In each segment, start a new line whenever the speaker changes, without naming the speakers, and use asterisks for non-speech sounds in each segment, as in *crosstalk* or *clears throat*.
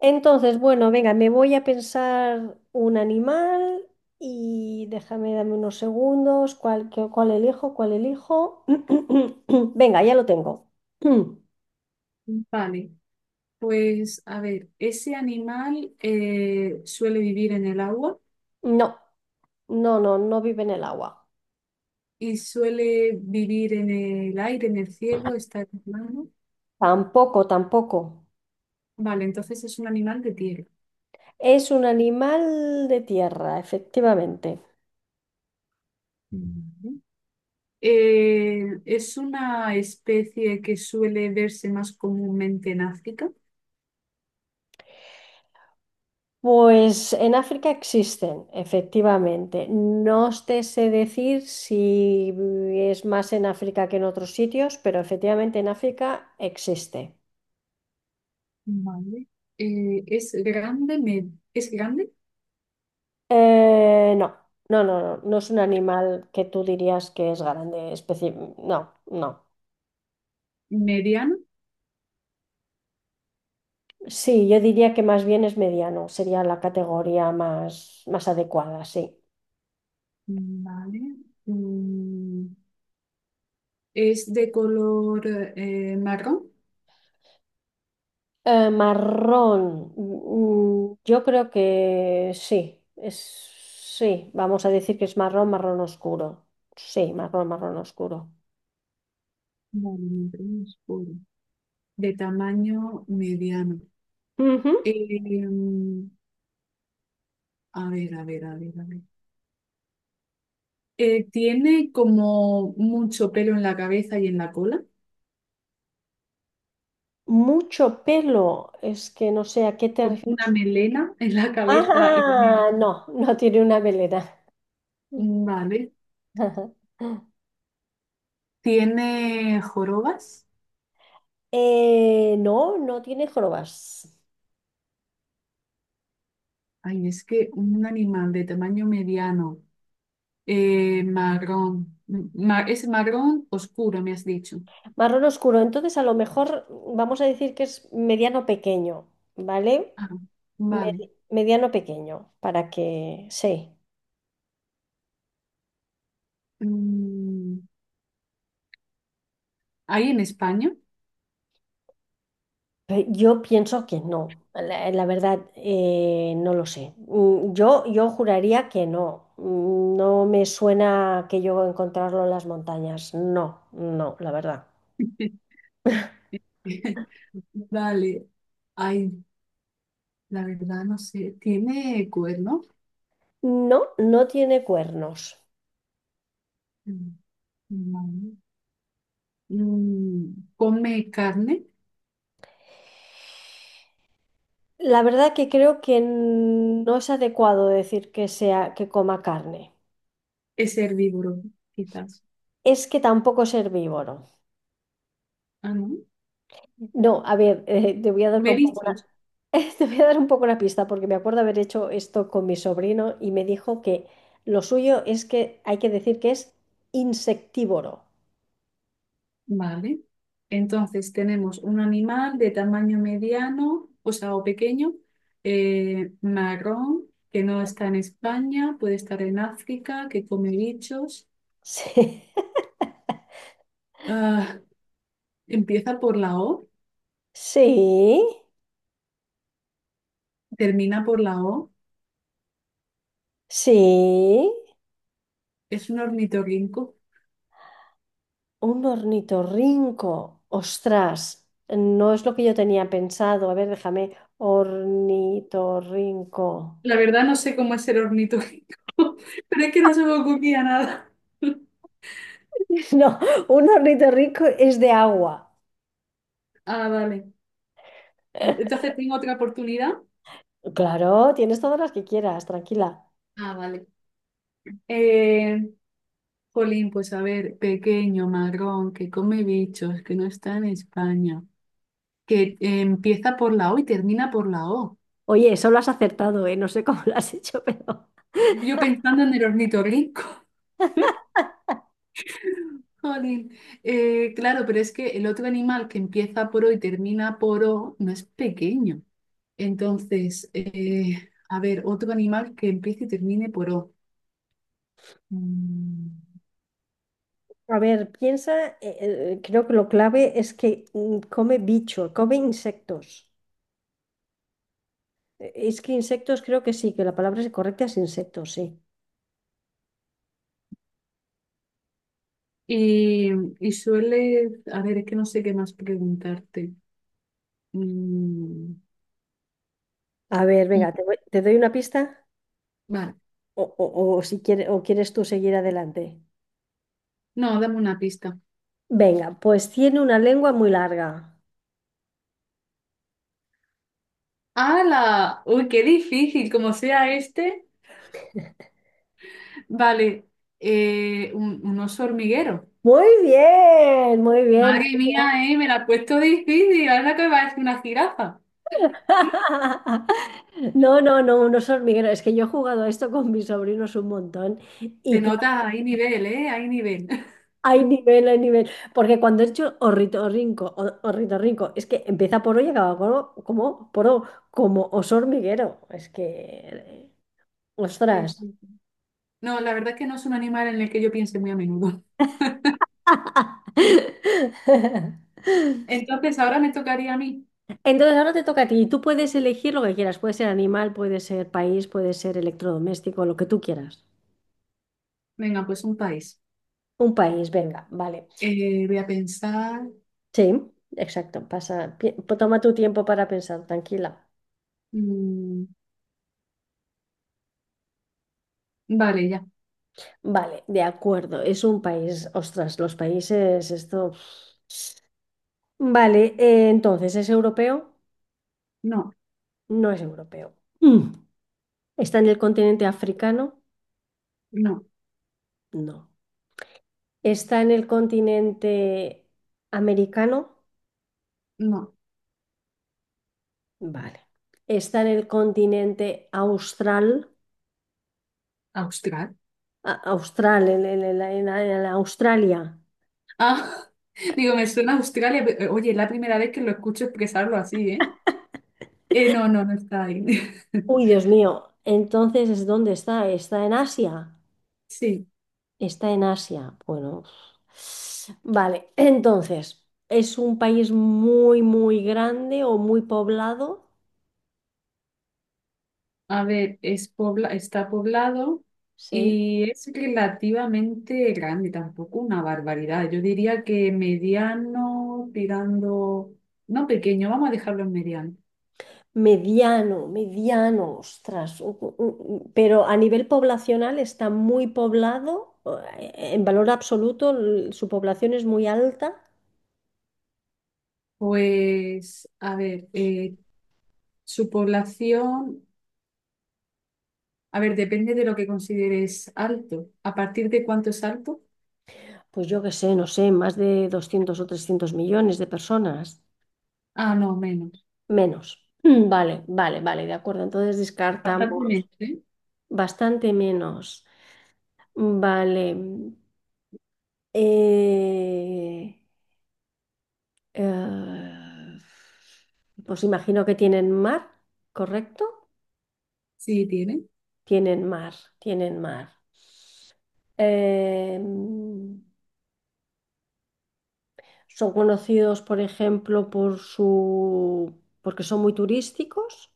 Entonces, bueno, venga, me voy a pensar un animal y déjame, dame unos segundos. ¿Cuál, cuál elijo? ¿Cuál elijo? *clears throat* Venga, ya lo tengo. *clears throat*
Vale, pues a ver, ese animal suele vivir en el agua
No, no, no, vive en el agua.
y suele vivir en el aire, en el cielo, está en el plano.
Tampoco, tampoco.
Vale, entonces es un animal de tierra.
Es un animal de tierra, efectivamente.
Ujú. Es una especie que suele verse más comúnmente en África.
Pues en África existen, efectivamente. No te sé decir si es más en África que en otros sitios, pero efectivamente en África existe.
Vale. Es grande,
Eh, no, no, no es un animal que tú dirías que es grande, no, no.
mediano.
Sí, yo diría que más bien es mediano, sería la categoría más, más adecuada, sí.
Vale. Mm, es de color marrón.
Marrón. Yo creo que sí. Es, sí, vamos a decir que es marrón, marrón oscuro. Sí, marrón, marrón oscuro.
Vale, marrón oscuro. De tamaño mediano.
Ujú.
Em, a ver, a ver, a ver, a ver. Tiene como mucho pelo en la cabeza y en la cola.
Mucho pelo. Es que no sé a qué te
Como
refieres.
una melena *laughs* en la cabeza y
Ah,
también.
no, no tiene una melena.
Vale.
*laughs*
Tiene jorobas.
No, no tiene jorobas.
Ay, es que un animal de tamaño mediano, marrón. Es marrón oscuro, me has dicho.
Marrón oscuro. Entonces, a lo mejor vamos a decir que es mediano pequeño, ¿vale?
Ah, vale.
Mediano pequeño, para que sí.
Mm, ¿Hay en España?
Pero yo pienso que no. La verdad, no lo sé. Yo juraría que no. No me suena que yo encontrarlo en las montañas. No, no, la verdad.
*laughs* Dale. Ay, la verdad no sé. ¿Tiene cuerno?
No, no tiene cuernos.
Mm, No. Come carne.
La verdad que creo que no es adecuado decir que sea que coma carne.
Es herbívoro, quizás.
Es que tampoco es herbívoro.
Ah, no.
No, a ver, te voy a dar una- un poco
Mariscos.
una, *laughs* te voy a dar un poco una pista porque me acuerdo haber hecho esto con mi sobrino y me dijo que lo suyo es que hay que decir que es insectívoro.
Vale. Entonces tenemos un animal de tamaño mediano, o sea, o pequeño, marrón, que no está en España, puede estar en África, que come bichos.
Sí,
Ah, empieza por la O,
*laughs* sí,
termina por la O.
sí,
Es un ornitorrinco.
un ornitorrinco. Ostras, no es lo que yo tenía pensado. A ver, déjame, ornitorrinco.
La verdad no sé cómo es el ornitorrinco, *laughs* pero es que no se me ocurría nada. *laughs*
*laughs* No, un ornitorrinco es de agua.
Ah, vale.
*laughs*
Entonces tengo otra oportunidad.
Claro, tienes todas las que quieras, tranquila.
Ah, vale. Eh, Jolín, pues a ver, pequeño, marrón, que come bichos, que no está en España, que empieza por la O y termina por la O.
Oye, eso lo has acertado, ¿eh? No sé cómo lo has hecho, *laughs* pero...
Yo pensando en el ornitorrinco. Jolín. Claro, pero es que el otro animal que empieza por O y termina por O no es pequeño. Entonces, a ver, otro animal que empiece y termine por O. Mm,
A ver, piensa, creo que lo clave es que come bicho, come insectos. Es que insectos creo que sí, que la palabra es correcta es insectos, sí.
Y, y suele, a ver, es que no sé qué más preguntarte. Mm,
A ver,
mm,
venga, te doy una pista
Vale,
o, o si quieres, o quieres tú seguir adelante.
no, dame una pista.
Venga, pues tiene una lengua muy larga.
¡Hala! ¡Uy, qué difícil! Como sea este. Vale, un oso hormiguero.
Muy bien, muy bien.
Madre mía, me la has puesto difícil. Ahora que parece una jirafa.
*laughs* No, unos hormigueros. Es que yo he jugado a esto con mis sobrinos un montón.
Te
Y.
notas, hay nivel, ¿eh? Hay nivel. *laughs*
Hay nivel, hay nivel. Porque cuando he hecho ornitorrinco, ornitorrinco, es que empieza por O y acaba por O, como oso hormiguero. Es que,
Sí,
ostras.
sí, sí. No, la verdad es que no es un animal en el que yo piense muy a menudo. *laughs*
*laughs*
Entonces, ahora me tocaría a mí.
Entonces ahora te toca a ti y tú puedes elegir lo que quieras. Puede ser animal, puede ser país, puede ser electrodoméstico, lo que tú quieras.
Venga, pues un país.
Un país, venga, vale.
Voy a pensar.
Sí, exacto. Toma tu tiempo para pensar, tranquila.
mm, vale, ya.
Vale, de acuerdo. Es un país, ostras, los países, esto. Vale, entonces, ¿es europeo?
No,
No es europeo. Mm. ¿Está en el continente africano?
no,
No. ¿Está en el continente americano?
no.
Vale. ¿Está en el continente austral?
Austral.
Austral, en Australia.
Ah, *laughs* digo, me suena a Australia. Pero, oye, es la primera vez que lo escucho expresarlo así, ¿eh? No, no, no está ahí. *laughs*
Uy, Dios mío. Entonces, ¿es dónde está? ¿Está en Asia?
Sí.
Está en Asia. Bueno. Vale, entonces, ¿es un país muy, muy grande o muy poblado?
A ver, es pobla, está poblado
Sí,
y es relativamente grande, tampoco una barbaridad. Yo diría que mediano, tirando, no pequeño, vamos a dejarlo en mediano.
mediano, mediano, ostras, pero a nivel poblacional está muy poblado, en valor absoluto su población es muy alta,
Pues, a ver, su población, a ver, depende de lo que consideres alto. ¿A partir de cuánto es alto?
pues yo qué sé, no sé, más de 200 o 300 millones de personas,
Ah, no, menos.
menos. *clears throat* Vale, vale, vale, de acuerdo, entonces
Bastante
descartamos
menos, ¿eh?
bastante menos. Vale. eh, eh, pues imagino que tienen mar, ¿correcto?
Sí, tiene.
Tienen mar, tienen mar. Em, son conocidos, por ejemplo, por su, porque son muy turísticos,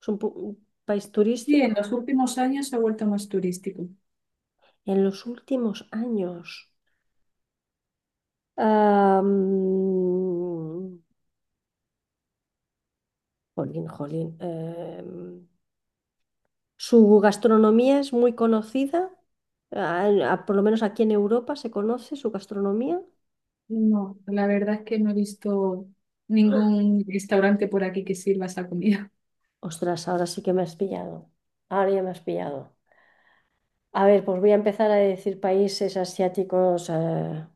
es un, un país
Sí, en
turístico.
los últimos años se ha vuelto más turístico.
En los últimos años, am, jolín, jolín, su gastronomía es muy conocida, por lo menos aquí en Europa se conoce su gastronomía.
No, la verdad es que no he visto ningún restaurante por aquí que sirva esa comida. *laughs*
Ostras, ahora sí que me has pillado, ahora ya me has pillado. A ver, pues voy a empezar a decir países asiáticos.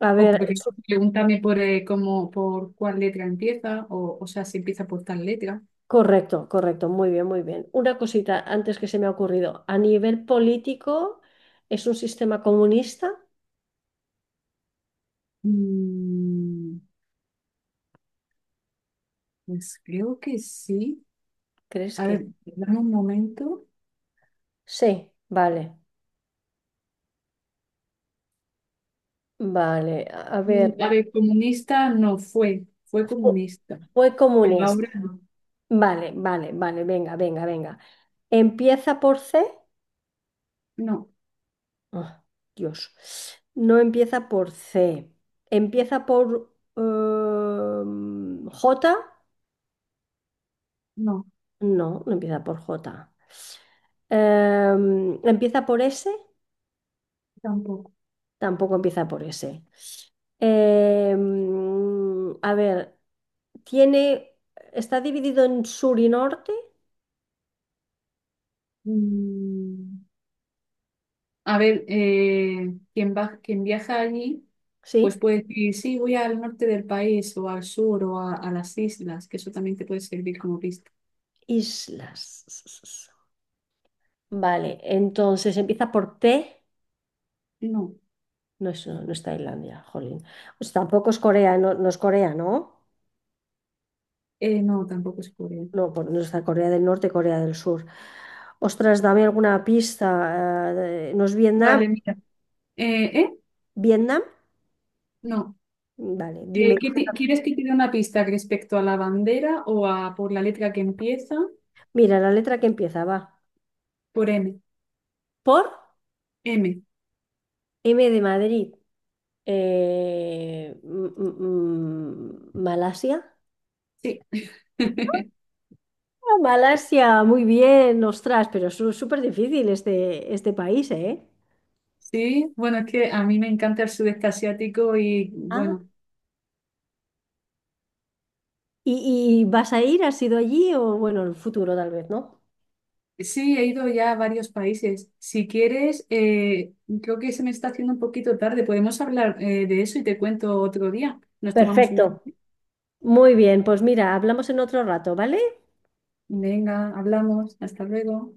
A
O
ver,
por
eso-
ejemplo, pregúntame por cómo, por cuál letra empieza, o sea, si empieza por tal letra.
correcto, correcto, muy bien, muy bien. Una cosita antes que se me ha ocurrido. A nivel político, ¿es un sistema comunista?
Mm, pues creo que sí.
¿Crees
A
que?
ver, dame un momento.
Sí, vale, vale. A ver,
A ver, comunista no fue, fue
fu-
comunista,
fue
pero
comunista.
ahora no.
Vale, vale, vale, venga, venga, venga. ¿Empieza por C?
No,
Ah, Dios, no empieza por C. Empieza por... J.
no,
No, no empieza por J. ¿Empieza por S?
tampoco.
Tampoco empieza por S. A ver, tiene, está dividido en sur y norte,
Mm, A ver, quien va, quien viaja allí,
¿sí?
pues puede decir, sí, voy al norte del país o al sur o a las islas, que eso también te puede servir como pista.
Islas. Vale, entonces empieza por T.
No,
No es, no es Tailandia, jolín. Pues tampoco es Corea, no, no es Corea, ¿no?
no, tampoco es Corea.
No, pues no está Corea del Norte, Corea del Sur. Ostras, dame alguna pista. ¿No es Vietnam?
Vale, mira. ¿Eh?
¿Vietnam?
No.
Vale, dime.
¿Quieres que te dé una pista respecto a la bandera o a por la letra que empieza?
Mira, la letra que empieza va.
Por M.
Por
M,
M de Madrid. Malasia.
sí. *laughs*
Ah, Malasia, muy bien, ostras, pero es súper difícil este, este país, ¿eh?
Sí, bueno, es que a mí me encanta el sudeste asiático y
Ah,
bueno,
y vas a ir? ¿Has ido allí? O bueno, en el futuro tal vez, ¿no?
sí, he ido ya a varios países. Si quieres, creo que se me está haciendo un poquito tarde. Podemos hablar de eso y te cuento otro día. Nos tomamos un
Perfecto.
café.
Muy bien, pues mira, hablamos en otro rato, ¿vale?
Venga, hablamos. Hasta luego.